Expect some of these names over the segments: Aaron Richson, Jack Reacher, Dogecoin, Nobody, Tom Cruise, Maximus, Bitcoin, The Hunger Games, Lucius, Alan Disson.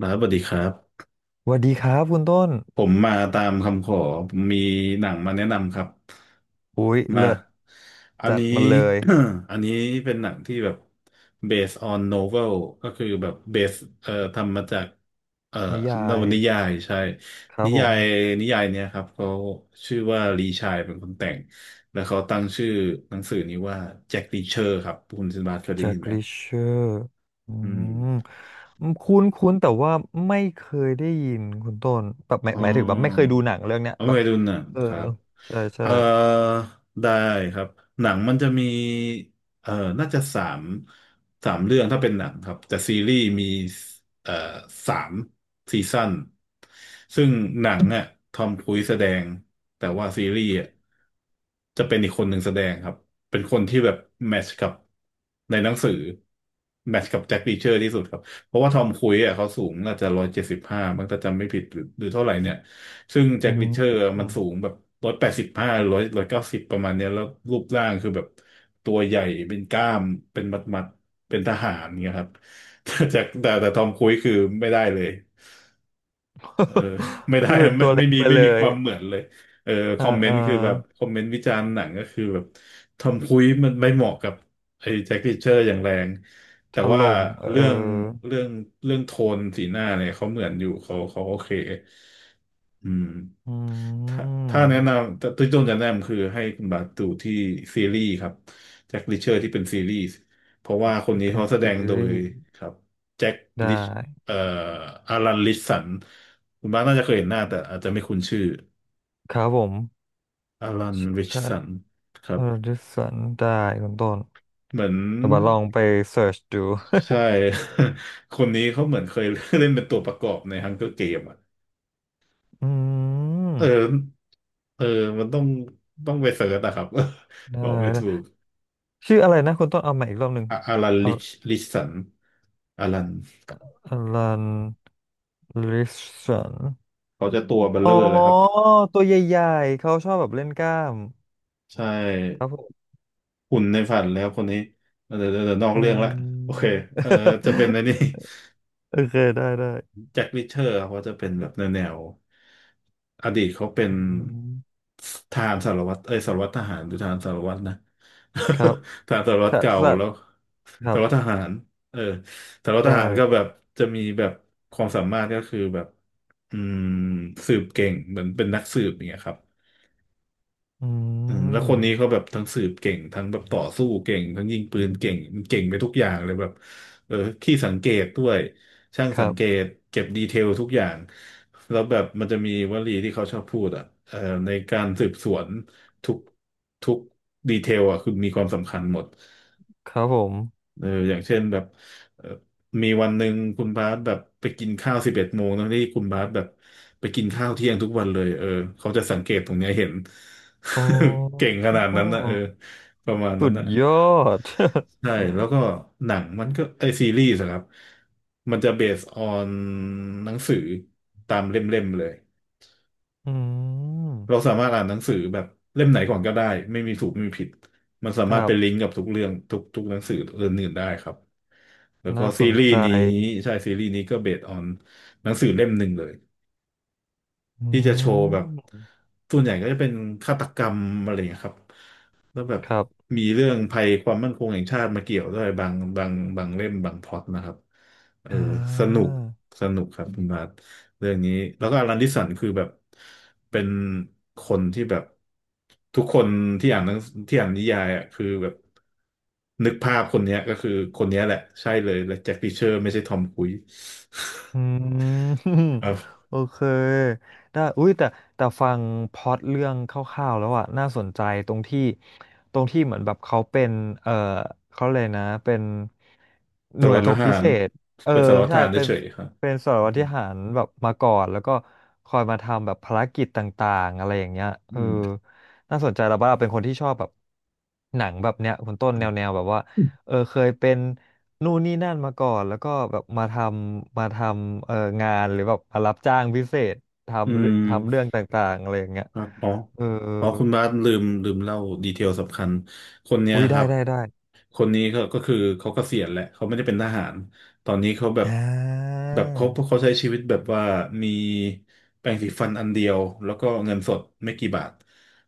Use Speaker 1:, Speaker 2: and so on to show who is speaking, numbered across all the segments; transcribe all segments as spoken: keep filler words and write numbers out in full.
Speaker 1: บาสสวัสดีครับ
Speaker 2: สวัสดีครับคุณต้น
Speaker 1: ผมมาตามคำขอผมมีหนังมาแนะนำครับ
Speaker 2: อุ๊ย
Speaker 1: มา
Speaker 2: เลิศ
Speaker 1: อัน
Speaker 2: จัด
Speaker 1: นี้
Speaker 2: มาเลย
Speaker 1: อันนี้เป็นหนังที่แบบ based on novel ก็คือแบบ base เอ่อทำมาจากเอ่อ
Speaker 2: นิยา
Speaker 1: นว
Speaker 2: ย
Speaker 1: นิยายใช่
Speaker 2: ครั
Speaker 1: นิ
Speaker 2: บผ
Speaker 1: ยา
Speaker 2: ม
Speaker 1: ยนิยายเนี้ยครับเขาชื่อว่าลีชายเป็นคนแต่งแล้วเขาตั้งชื่อหนังสือนี้ว่าแจ็ครีเชอร์ครับคุณซินบาสเคยได้
Speaker 2: แจ็
Speaker 1: ยิ
Speaker 2: ค
Speaker 1: นไหม
Speaker 2: ลิเชอร์อื
Speaker 1: อืม
Speaker 2: มคุ้นคุ้นแต่ว่าไม่เคยได้ยินคุณต้นแบบหมาย
Speaker 1: อ๋อ
Speaker 2: หมายถึงแบบไม่เคยดูหนังเรื่องเนี้ย
Speaker 1: เอา
Speaker 2: แบ
Speaker 1: เค
Speaker 2: บ
Speaker 1: ยดูหนัง
Speaker 2: เออ
Speaker 1: ครับ
Speaker 2: ใช่
Speaker 1: เอ
Speaker 2: ใช่
Speaker 1: อได้ครับหนังมันจะมีเออน่าจะสามสามเรื่องถ้าเป็นหนังครับแต่ซีรีส์มีเอ่อสามซีซั่นซึ่งหนังอ่ะทอมครูซแสดงแต่ว่าซีรีส์อ่ะจะเป็นอีกคนหนึ่งแสดงครับเป็นคนที่แบบแมทช์กับในหนังสือแมทช์กับแจ็ครีเชอร์ที่สุดครับเพราะว่าทอมครูซอ่ะเขาสูงน่าจะร้อยเจ็ดสิบห้ามังถาจำไม่ผิดหรือหรือเท่าไหร่เนี่ย ซึ่งแจ็
Speaker 2: อื
Speaker 1: คริช
Speaker 2: ม
Speaker 1: เชอร์มันสูงแบบร้อยแปดสิบห้าร้อยร้อยเก้าสิบประมาณเนี้ยแล้วรูปร่างคือแบบตัวใหญ่เป็นกล้ามเป็นมัดมัดเป็นทหารเงี้ยครับ แต่แจ็คแต่แต่ทอมครูซคือไม่ได้เลย เออ ไม่
Speaker 2: เอ
Speaker 1: ได้
Speaker 2: อ
Speaker 1: ไม่
Speaker 2: ตัวเล็
Speaker 1: ไม่
Speaker 2: ก
Speaker 1: มี
Speaker 2: ไป
Speaker 1: ไม่
Speaker 2: เล
Speaker 1: มีค
Speaker 2: ย
Speaker 1: วามเหมือนเลยเออ
Speaker 2: เอ
Speaker 1: ค
Speaker 2: อ
Speaker 1: อมเม
Speaker 2: เอ
Speaker 1: น
Speaker 2: อ
Speaker 1: ต์คือแบบคอมเมนต์วิจารณ์หนังก็คือแบบทอมครูซมันไม่เหมาะกับไอ้แจ็คริชเชอร์อย่างแรงแต่
Speaker 2: ถ
Speaker 1: ว่า
Speaker 2: ล่มเอ
Speaker 1: เรื่อง
Speaker 2: อ
Speaker 1: เรื่องเรื่องโทนสีหน้าเนี่ยเขาเหมือนอยู่เขาเขาโอเคอืม
Speaker 2: อื
Speaker 1: ถ้าถ้าแนะ
Speaker 2: ม
Speaker 1: นำแต่วี่ต้นจะแนะนำคือให้คุณบาสดูที่ซีรีส์ครับแจ็คริชเชอร์ที่เป็นซีรีส์เพราะว่าคน
Speaker 2: ที่
Speaker 1: นี้
Speaker 2: เป็น
Speaker 1: เขาแสด
Speaker 2: ซี
Speaker 1: งโด
Speaker 2: รี
Speaker 1: ย
Speaker 2: ส์
Speaker 1: ครับแจ็ค
Speaker 2: ได้
Speaker 1: เอ่ออารันริชสันคุณบ้านน่าจะเคยเห็นหน้าแต่อาจจะไม่คุ้นชื่อ
Speaker 2: ครับผม
Speaker 1: อารันริช
Speaker 2: ใช่
Speaker 1: สันครั
Speaker 2: เอ
Speaker 1: บ
Speaker 2: อดิสันได้คุณต้น
Speaker 1: เหมือน
Speaker 2: เดี๋ยวบัดลองไปเสิร์ชดู
Speaker 1: ใช่ คนนี้เขาเหมือนเคยเล่นเป็นตัวประกอบในฮังเกอร์เกมอ่ะ
Speaker 2: อืม
Speaker 1: เออเออมันต้องต้องไปเสิร์ชนะครับ
Speaker 2: ได้
Speaker 1: บอกไม่ถูก
Speaker 2: ได้ชื่ออะไรนะคุณต้นเอามาอีกรอบหนึ่ง
Speaker 1: อะอารัน
Speaker 2: อ
Speaker 1: ลิชลิชสันอารัน
Speaker 2: ลันลิสัน
Speaker 1: เขาจะตัวเบล
Speaker 2: อ๋
Speaker 1: เล
Speaker 2: อ
Speaker 1: อร์เลยครับ
Speaker 2: ตัวใหญ่ๆเขาชอบแบบเล่นกล้าม
Speaker 1: ใช่
Speaker 2: ครับผม
Speaker 1: หุ่นในฝันแล้วคนนี้เดี๋ยวเดี๋ยวนอก
Speaker 2: อื
Speaker 1: เรื่องละโอเค
Speaker 2: ม
Speaker 1: เออจะเป็นในนี้
Speaker 2: โอเคได้ได้
Speaker 1: แจ็คริชเชอร์ครับเขาจะเป็นแบบแนวแนวอดีตเขาเป็น
Speaker 2: อืม
Speaker 1: ทหารสารวัตรเอ้ยสารวัตรทหารหรือทหารสารวัตรนะ
Speaker 2: ครับ
Speaker 1: ทหารสารวัตร
Speaker 2: ถ้า
Speaker 1: เก่า
Speaker 2: ถ้า
Speaker 1: แล้ว
Speaker 2: ครั
Speaker 1: สา
Speaker 2: บ
Speaker 1: รวัตรทหารเออสารวัต
Speaker 2: ไ
Speaker 1: รทหารก็
Speaker 2: ด่
Speaker 1: แบบจะมีแบบความสามารถก็คือแบบอืมสืบเก่งเหมือนเป็นนักสืบอย่างเงี้ยครับ
Speaker 2: อื
Speaker 1: อืมแล้วคนนี้
Speaker 2: ม
Speaker 1: เขาแบบทั้งสืบเก่งทั้งแบบต่อสู้เก่งทั้งยิงปืนเก่งเก่งไปทุกอย่างเลยแบบเออขี้สังเกตด้วยช่าง
Speaker 2: ค
Speaker 1: สั
Speaker 2: รั
Speaker 1: ง
Speaker 2: บ
Speaker 1: เกตเก็บดีเทลทุกอย่างแล้วแบบมันจะมีวลีที่เขาชอบพูดอ่ะเอ่อในการสืบสวนทุกทุกดีเทลอ่ะคือมีความสำคัญหมด
Speaker 2: ครับผม
Speaker 1: เอออย่างเช่นแบบเออมีวันหนึ่งคุณบาสแบบไปกินข้าวสิบเอ็ดโมงนะที่คุณบาสแบบไปกินข้าวเที่ยงทุกวันเลยเออเขาจะสังเกตตรงเนี้ยเห็น
Speaker 2: โอ้
Speaker 1: เก่งขนาดนั้นนะเออประมาณ
Speaker 2: สุ
Speaker 1: นั้น
Speaker 2: ด
Speaker 1: นะ
Speaker 2: ยอด
Speaker 1: ใช่แล้ว ก็หนังมันก็ไอซีรีส์อะครับมันจะเบสออนหนังสือตามเล่มๆเลย
Speaker 2: อื
Speaker 1: เรา
Speaker 2: ม
Speaker 1: สามารถอ่านหนังสือแบบเล่มไหนก่อนก็ได้ไม่มีถูกไม่มีผิดมันสา
Speaker 2: ค
Speaker 1: มารถ
Speaker 2: รั
Speaker 1: เป็
Speaker 2: บ
Speaker 1: นลิงก์กับทุกเรื่องทุกทุกหนังสือเรื่องอื่นได้ครับแล้วก็
Speaker 2: น่าส
Speaker 1: ซี
Speaker 2: น
Speaker 1: รีส์
Speaker 2: ใจ
Speaker 1: นี้ใช่ซีรีส์นี้ก็เบสออนหนังสือเล่มหนึ่งเลย
Speaker 2: อื
Speaker 1: ที่จะโชว์แบบ
Speaker 2: ม
Speaker 1: ส่วนใหญ่ก็จะเป็นฆาตกรรมอะไรอย่างเงี้ยครับแล้วแบบ
Speaker 2: ครับ
Speaker 1: มีเรื่องภัยความมั่นคงแห่งชาติมาเกี่ยวด้วยบางบางบางเล่มบางพล็อตนะครับเออ
Speaker 2: อ่
Speaker 1: สนุก
Speaker 2: า
Speaker 1: สนุกครับคุณบาทเรื่องนี้แล้วก็อลันดิสันคือแบบเป็นคนที่แบบทุกคนที่อ่านหนังที่อ่านนิยายอ่ะคือแบบนึกภาพคนเนี้ยก็คือคนเนี้ยแหละใช่เลยและแจ็ครีเชอร์ไม่ใช่ทอม ครูซ
Speaker 2: อื ม
Speaker 1: ครับ
Speaker 2: โอเคได้อุ้ยแต่แต่ฟังพล็อตเรื่องคร่าวๆแล้วอะน่าสนใจตรงที่ตรงที่เหมือนแบบเขาเป็นเออเขาเลยกนะเป็นห
Speaker 1: สาร
Speaker 2: น่วย
Speaker 1: วัตร
Speaker 2: ร
Speaker 1: ท
Speaker 2: บ
Speaker 1: หา
Speaker 2: พิเศ
Speaker 1: ร
Speaker 2: ษเออ
Speaker 1: เป็นสารวัตรท
Speaker 2: ใช่
Speaker 1: หาร
Speaker 2: เป็น
Speaker 1: เฉยๆครับ
Speaker 2: เป็นสาร
Speaker 1: อื
Speaker 2: วัตร
Speaker 1: ม
Speaker 2: ทหารแบบมาก่อนแล้วก็คอยมาทำแบบภารกิจต่างๆอะไรอย่างเงี้ยเอ
Speaker 1: อื
Speaker 2: อ
Speaker 1: ม
Speaker 2: น่าสนใจแล้วบ้างเราเป็นคนที่ชอบแบบหนังแบบเนี้ยคุณต้นแนวแนวแบบว่า เออเคยเป็นนู่นนี่นั่นมาก่อนแล้วก็แบบมาทำมาทำเอองานหรือแบบมารับจ้างพิเศษ
Speaker 1: อื
Speaker 2: ทำเรื่องทำเรื่อง
Speaker 1: ม
Speaker 2: ต่างๆอะไรอย่างเงี้ย
Speaker 1: ครับอ๋อ
Speaker 2: เออ
Speaker 1: อ๋อคุณบาสลืมลืมเล่าดีเทลสำคัญคนเนี้ย
Speaker 2: อุ้ย
Speaker 1: ค
Speaker 2: ได้
Speaker 1: รับ
Speaker 2: ได้ได้
Speaker 1: คนนี้เขาก็คือเขาเกษียณแหละเขาไม่ได้เป็นทหารตอนนี้เขาแบบ
Speaker 2: อ่า
Speaker 1: แบบเขาเขาใช้ชีวิตแบบว่ามีแปรงสีฟันอันเดียวแล้วก็เงินสดไม่กี่บาท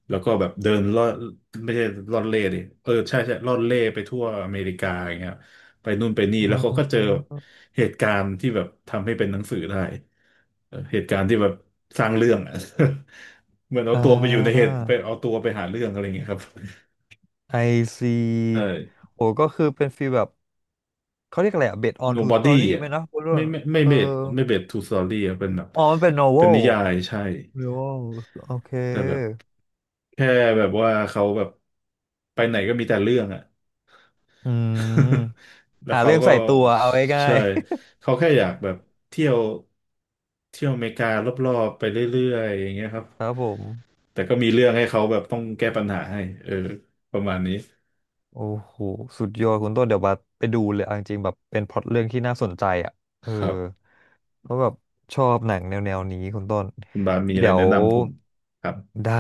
Speaker 1: แล้วก็แบบเดินล่อไม่ใช่ล่อนเล่ดิเออใช่ใช่ล่อนเล่ไปทั่วอเมริกาอย่างเงี้ยไปนู่นไปนี่
Speaker 2: อ
Speaker 1: แล้วเขาก็เจอ
Speaker 2: ืม
Speaker 1: เหตุการณ์ที่แบบทำให้เป็นหนังสือได้ เออเหตุการณ์ที่แบบสร้างเรื่องอะ เหมือนเอา
Speaker 2: อ่
Speaker 1: ตัวไปอยู่ในเห
Speaker 2: า
Speaker 1: ตุไปเอาตัวไปหาเรื่องอะไรอย่างเงี้ยครับ
Speaker 2: ไอซี
Speaker 1: ใช่
Speaker 2: โอ้ก็คือเป็นฟีลแบบเขาเรียกอะไรอะ based on true
Speaker 1: Nobody
Speaker 2: story ไห
Speaker 1: อ่ะ
Speaker 2: มนะพูดเรื่อ
Speaker 1: ไม่
Speaker 2: ง
Speaker 1: ไม่ไม่
Speaker 2: เออ
Speaker 1: เบสไม่เบสทูสตอรี่อ่ะเป็นแบบ
Speaker 2: อ๋อมันเป็น
Speaker 1: เป็น
Speaker 2: novel
Speaker 1: นิยายใช่
Speaker 2: novel โอเค
Speaker 1: แต่แบบแค่แบบว่าเขาแบบไปไหนก็มีแต่เรื่องอ่ะ
Speaker 2: อืม
Speaker 1: แล้ว
Speaker 2: หา
Speaker 1: เขา
Speaker 2: เรื่อง
Speaker 1: ก็
Speaker 2: ใส่ตัวเอาง่า
Speaker 1: ใช่
Speaker 2: ย
Speaker 1: เขาแค่อยากแบบเที่ยวเที่ยวอเมริการอบๆไปเรื่อยๆอย่างเงี้ยครับ
Speaker 2: ๆ ครับผม
Speaker 1: แต่ก็มีเรื่องให้เขาแบบต้องแก้ปัญหาให้เออประมาณนี้
Speaker 2: โอ้โหสุดยอดคุณต้นเดี๋ยวบัสไปดูเลยเอาจริงๆแบบเป็นพล็อตเรื่องที่น่าสนใจอ่ะเออ
Speaker 1: ครับ
Speaker 2: เพราะแบบชอบหนังแนวแนวนี้คุณต้น
Speaker 1: คุณบาสมีอะไร
Speaker 2: เดี๋ยว
Speaker 1: แนะนำผมครับ
Speaker 2: ได้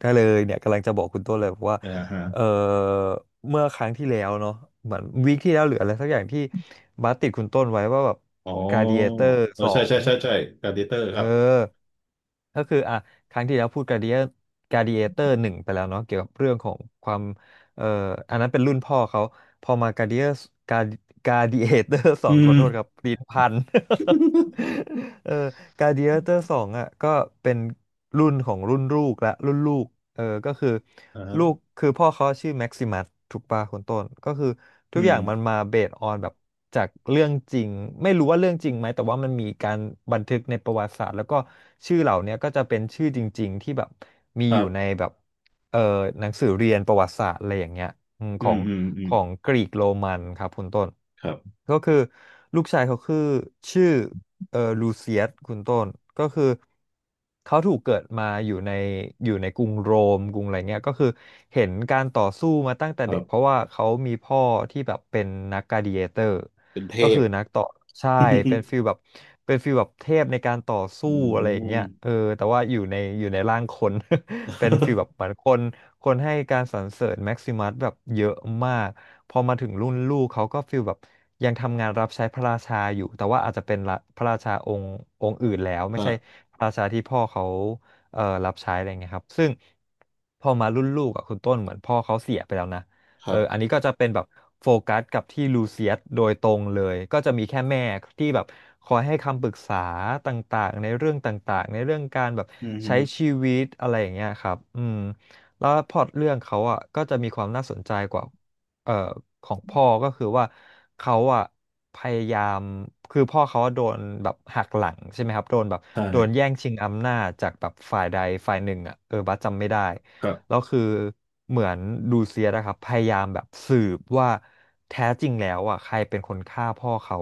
Speaker 2: ได้เลยเนี่ยกำลังจะบอกคุณต้นเลยว่า
Speaker 1: อ่าฮะ
Speaker 2: เออเมื่อครั้งที่แล้วเนาะเหมือนวีคที่แล้วหรืออะไรสักอย่างที่บัสติดคุณต้นไว้ว่าแบบ
Speaker 1: อ๋
Speaker 2: กา a d
Speaker 1: อ
Speaker 2: เ a เตอร์
Speaker 1: เออ
Speaker 2: สอ
Speaker 1: ใช่
Speaker 2: ง
Speaker 1: ใช่ใช่ใช่การ์ดิเตอร์
Speaker 2: เออ
Speaker 1: ครับ
Speaker 2: ก็คืออ่ะครั้งที่แล้วพูดกา a d เดียกา a d เ a เตอร์หนึ่งไปแล้วเนาะเกี่ยวกับเรื่องของความ เอ่ออันนั้นเป็นรุ่นพ่อเขาพอมาการ์เดียการการ์ดิเอเตอร์สอ
Speaker 1: อื
Speaker 2: งขอ
Speaker 1: ม
Speaker 2: โทษครับปีพัน เออการ์ดิเอเตอร์สองอ่ะก็เป็นรุ่นของรุ่นลูกละรุ่นลูกเออก็คือ
Speaker 1: อ่าฮะ
Speaker 2: ลูกคือพ่อเขาชื่อแม็กซิมัสถูกป่ะคุณต้นก็คือ
Speaker 1: อื
Speaker 2: ทุกอ
Speaker 1: ม
Speaker 2: ย่างมันมาเบสออนแบบจากเรื่องจริงไม่รู้ว่าเรื่องจริงไหมแต่ว่ามันมีการบันทึกในประวัติศาสตร์แล้วก็ชื่อเหล่าเนี้ยก็จะเป็นชื่อจริงๆที่แบบมี
Speaker 1: ค
Speaker 2: อ
Speaker 1: รั
Speaker 2: ยู่ใน
Speaker 1: บ
Speaker 2: แบบ เอ่อหนังสือเรียนประวัติศาสตร์อะไรอย่างเงี้ยอืม
Speaker 1: อื
Speaker 2: ขอ
Speaker 1: ม
Speaker 2: ง
Speaker 1: อืมอื
Speaker 2: ข
Speaker 1: ม
Speaker 2: องกรีกโรมันครับคุณต้น
Speaker 1: ครับ
Speaker 2: ก็คือลูกชายเขาคือชื่อเอ่อลูเซียสคุณต้นก็คือเขาถูกเกิดมาอยู่ในอยู่ในกรุงโรมกรุงอะไรเงี้ยก็คือเห็นการต่อสู้มาตั้งแต่
Speaker 1: ครั
Speaker 2: เด็กเพราะ
Speaker 1: บ
Speaker 2: ว่าเขามีพ่อที่แบบเป็นนักกลาดิเอเตอร์
Speaker 1: เป็นเท
Speaker 2: ก็คื
Speaker 1: พ
Speaker 2: อนักต่อใช่เป็ นฟิลแบบเป็นฟิลแบบเทพในการต่อสู้
Speaker 1: อื
Speaker 2: อะไรอย่างเงี้
Speaker 1: ม
Speaker 2: ยเออแต่ว่าอยู่ในอยู่ในร่างคน เป็นฟีลแบบเหมื อนคนคนให้การสรรเสริญแม็กซิมัสแบบเยอะมากพอมาถึงรุ่นลูกเขาก็ฟีลแบบยังทำงานรับใช้พระราชาอยู่แต่ว่าอาจจะเป็นละพระราชาองค์องค์อื่นแล้วไม่ใช่
Speaker 1: อ่ะ
Speaker 2: พระราชาที่พ่อเขาเอ่อรับใช้อะไรเงี้ยครับซึ่งพอมารุ่นลูกอ่ะคุณต้นเหมือนพ่อเขาเสียไปแล้วนะ
Speaker 1: ค
Speaker 2: เอ
Speaker 1: รั
Speaker 2: อ
Speaker 1: บ
Speaker 2: อันนี้ก็จะเป็นแบบโฟกัสกับที่ลูเซียสโดยตรงเลย ก็จะมีแค่แม่ที่แบบคอยให้คำปรึกษาต่างๆในเรื่องต่างๆในเรื่องการแบบ
Speaker 1: อืมฮึ
Speaker 2: ใช้ชีวิตอะไรอย่างเงี้ยครับอืมแล้วพล็อตเรื่องเขาอ่ะก็จะมีความน่าสนใจกว่าเอ่อของพ่อก็คือว่าเขาอ่ะพยายามคือพ่อเขาโดนแบบหักหลังใช่ไหมครับโดนแบบ
Speaker 1: ใช่
Speaker 2: โดนแย่งชิงอำนาจจากแบบฝ่ายใดฝ่ายหนึ่งอ่ะเออบัสจำไม่ได้
Speaker 1: ครั
Speaker 2: แล้
Speaker 1: บ
Speaker 2: วคือเหมือนดูเซียสอะครับพยายามแบบสืบว่าแท้จริงแล้วอ่ะใครเป็นคนฆ่าพ่อเขา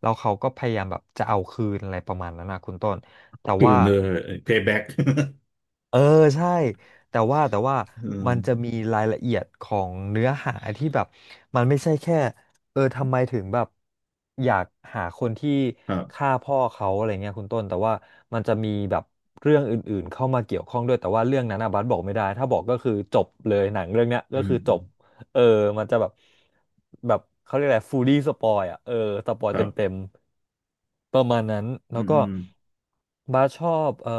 Speaker 2: แล้วเขาก็พยายามแบบจะเอาคืนอะไรประมาณนั้นนะคุณต้นแต่
Speaker 1: คือ
Speaker 2: ว่า
Speaker 1: เนอร์เพย์แบ็ก
Speaker 2: เออใช่แต่ว่าแต่ว่า
Speaker 1: อืม
Speaker 2: มันจะมีรายละเอียดของเนื้อหาที่แบบมันไม่ใช่แค่เออทำไมถึงแบบอยากหาคนที่
Speaker 1: ครับ
Speaker 2: ฆ่าพ่อเขาอะไรเงี้ยคุณต้นแต่ว่ามันจะมีแบบเรื่องอื่นๆเข้ามาเกี่ยวข้องด้วยแต่ว่าเรื่องนั้นนะบัสบอกไม่ได้ถ้าบอกก็คือจบเลยหนังเรื่องเนี้ย
Speaker 1: อื
Speaker 2: ก็
Speaker 1: ม
Speaker 2: คือจ
Speaker 1: อืม
Speaker 2: บเออมันจะแบบแบบเขาเรียกอะไรฟูลี่สปอยอ่ะเออสปอย
Speaker 1: ค
Speaker 2: เต
Speaker 1: รั
Speaker 2: ็
Speaker 1: บ
Speaker 2: มๆประมาณนั้น
Speaker 1: อื
Speaker 2: แล้ว
Speaker 1: ม
Speaker 2: ก็
Speaker 1: อืม
Speaker 2: บาสชอบเอ่อ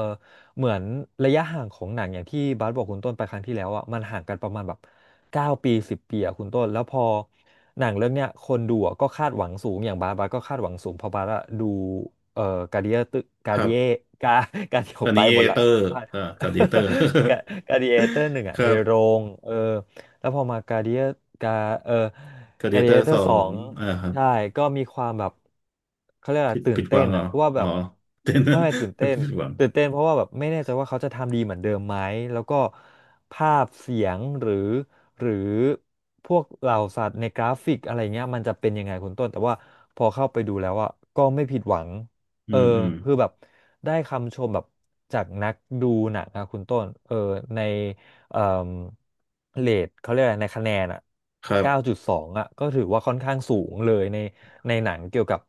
Speaker 2: เหมือนระยะห่างของหนังอย่างที่บาสบอกคุณต้นไปครั้งที่แล้วอ่ะมันห่างกันประมาณแบบเก้าปีสิบปีอ่ะคุณต้นแล้วพอหนังเรื่องเนี้ยคนดูอะก็คาดหวังสูงอย่างบาสบาสก็คาดหวังสูงเพราะบาสอะดูเอ่อการ์เดียตึกา
Speaker 1: ค
Speaker 2: ร์
Speaker 1: รั
Speaker 2: เดีย
Speaker 1: บ
Speaker 2: กา การที่ผ
Speaker 1: อั
Speaker 2: ม
Speaker 1: น
Speaker 2: ไป
Speaker 1: นี้เอ
Speaker 2: หมดละ
Speaker 1: เตอร์อ่าการ์ดิเตอร์
Speaker 2: กาการ์ดิเอเตอร์หนึ่ง
Speaker 1: ค
Speaker 2: อ่ะใน
Speaker 1: รับ
Speaker 2: โรงเออแล้วพอมาการ์ดิเอการเออ
Speaker 1: การ์ดิ
Speaker 2: การ์ดิ
Speaker 1: เตอ
Speaker 2: เอ
Speaker 1: ร์
Speaker 2: เตอ
Speaker 1: สอ
Speaker 2: ร์สอ
Speaker 1: ง
Speaker 2: ง
Speaker 1: อ่าครับ
Speaker 2: ใช่ก็มีความแบบเขาเรียกอะไร
Speaker 1: ผิด
Speaker 2: ตื่
Speaker 1: ผิ
Speaker 2: น
Speaker 1: ดห
Speaker 2: เต้
Speaker 1: วั
Speaker 2: น
Speaker 1: งเหรอ
Speaker 2: อ่ะว่า
Speaker 1: อ๋
Speaker 2: แบ
Speaker 1: อ
Speaker 2: บ
Speaker 1: เต้นนึ
Speaker 2: ไม่
Speaker 1: ก
Speaker 2: ไม่ตื่นเต้ น
Speaker 1: ผิดหวัง
Speaker 2: ตื่นเต้นเพราะว่าแบบไม่แน่ใจว่าเขาจะทำดีเหมือนเดิมไหมแล้วก็ภาพเสียงหรือหรือพวกเหล่าสัตว์ในกราฟิกอะไรเงี้ยมันจะเป็นยังไงคุณต้นแต่ว่าพอเข้าไปดูแล้วอ่ะก็ไม่ผิดหวัง
Speaker 1: อื
Speaker 2: เออ
Speaker 1: มอืม
Speaker 2: คือแบบได้คำชมแบบจากนักดูหนังนะคุณต้นเออในเอ่อเรทเขาเรียกอะไรในคะแนนอ่ะ
Speaker 1: ครับ
Speaker 2: เก้าจุดสองอ่ะก็ถือว่าค่อนข้างสูงเลยในในหนังเกี่ยวกับ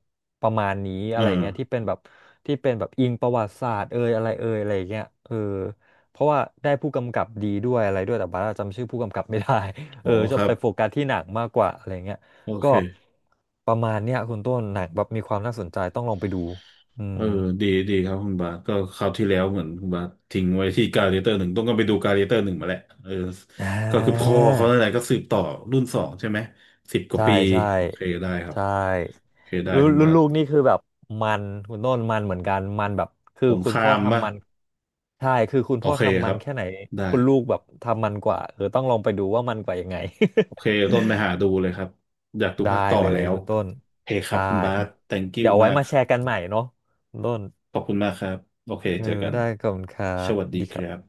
Speaker 2: ประมาณนี้อะ
Speaker 1: อ่า
Speaker 2: ไรเงี้ยที่เป็นแบบที่เป็นแบบอิงประวัติศาสตร์เอยอะไรเอยอะไรเงี้ยเออเพราะว่าได้ผู้กำกับดีด้วยอะไรด้วยแต่บาร์าจำชื่อผู้กำกับไม่ได้
Speaker 1: โอ้
Speaker 2: เออ
Speaker 1: ค
Speaker 2: จะ
Speaker 1: รั
Speaker 2: ไป
Speaker 1: บ
Speaker 2: โฟกัสที่หนังมากกว่าอะไรเงี้ย
Speaker 1: โอ
Speaker 2: ก็
Speaker 1: เค
Speaker 2: ประมาณเนี้ยคุณต้นหนังแบบมีความน่าสนใจต้องลองไปดู อื
Speaker 1: เอ
Speaker 2: ม
Speaker 1: อดีดีครับคุณบาสก็คราวที่แล้วเหมือนคุณบาสทิ้งไว้ที่การ์เรเตอร์หนึ่งต้องก็ไปดูการ์เรเตอร์หนึ่งมาแหละเออ
Speaker 2: อ่
Speaker 1: ก็คือพ่
Speaker 2: า
Speaker 1: อเขาอะไรก็สืบต่อรุ่นสองใช่ไหมสิบกว่า
Speaker 2: ใช่
Speaker 1: ปี
Speaker 2: ใช่
Speaker 1: โอเคได้ครับ
Speaker 2: ใช่
Speaker 1: โอเคได้
Speaker 2: รุ่น
Speaker 1: คุณ
Speaker 2: รุ่
Speaker 1: บา
Speaker 2: น
Speaker 1: ส
Speaker 2: ลูกนี่คือแบบมันคุณต้นมันเหมือนกันมันแบบคือ
Speaker 1: สงค
Speaker 2: คุณ
Speaker 1: รา
Speaker 2: พ่อ
Speaker 1: มป่ะ
Speaker 2: ทำมันใช่คือคุณ
Speaker 1: โอ
Speaker 2: พ่อ
Speaker 1: เค
Speaker 2: ทำ
Speaker 1: ค
Speaker 2: มั
Speaker 1: รั
Speaker 2: น
Speaker 1: บ
Speaker 2: แค่ไหน
Speaker 1: ได้
Speaker 2: คุณลูกแบบทำมันกว่าเออต้องลองไปดูว่ามันกว่ายังไง
Speaker 1: โอเคต้นไปหาดูเลยครับอยากดู
Speaker 2: ได้
Speaker 1: ภาคต่อ
Speaker 2: เล
Speaker 1: แล้
Speaker 2: ย
Speaker 1: ว
Speaker 2: คุณต้น
Speaker 1: โอเคครับ
Speaker 2: ได้
Speaker 1: คุณบาส thank you
Speaker 2: เดี๋ยวไว้
Speaker 1: มาก
Speaker 2: มาแชร์กันใหม่เนาะคุณต้น
Speaker 1: ขอบคุณมากครับโอเค
Speaker 2: เออ
Speaker 1: เจอกัน
Speaker 2: ได้ขอบคุณครั
Speaker 1: ส
Speaker 2: บ
Speaker 1: วัสดี
Speaker 2: ดี
Speaker 1: ค
Speaker 2: ครั
Speaker 1: รับ
Speaker 2: บ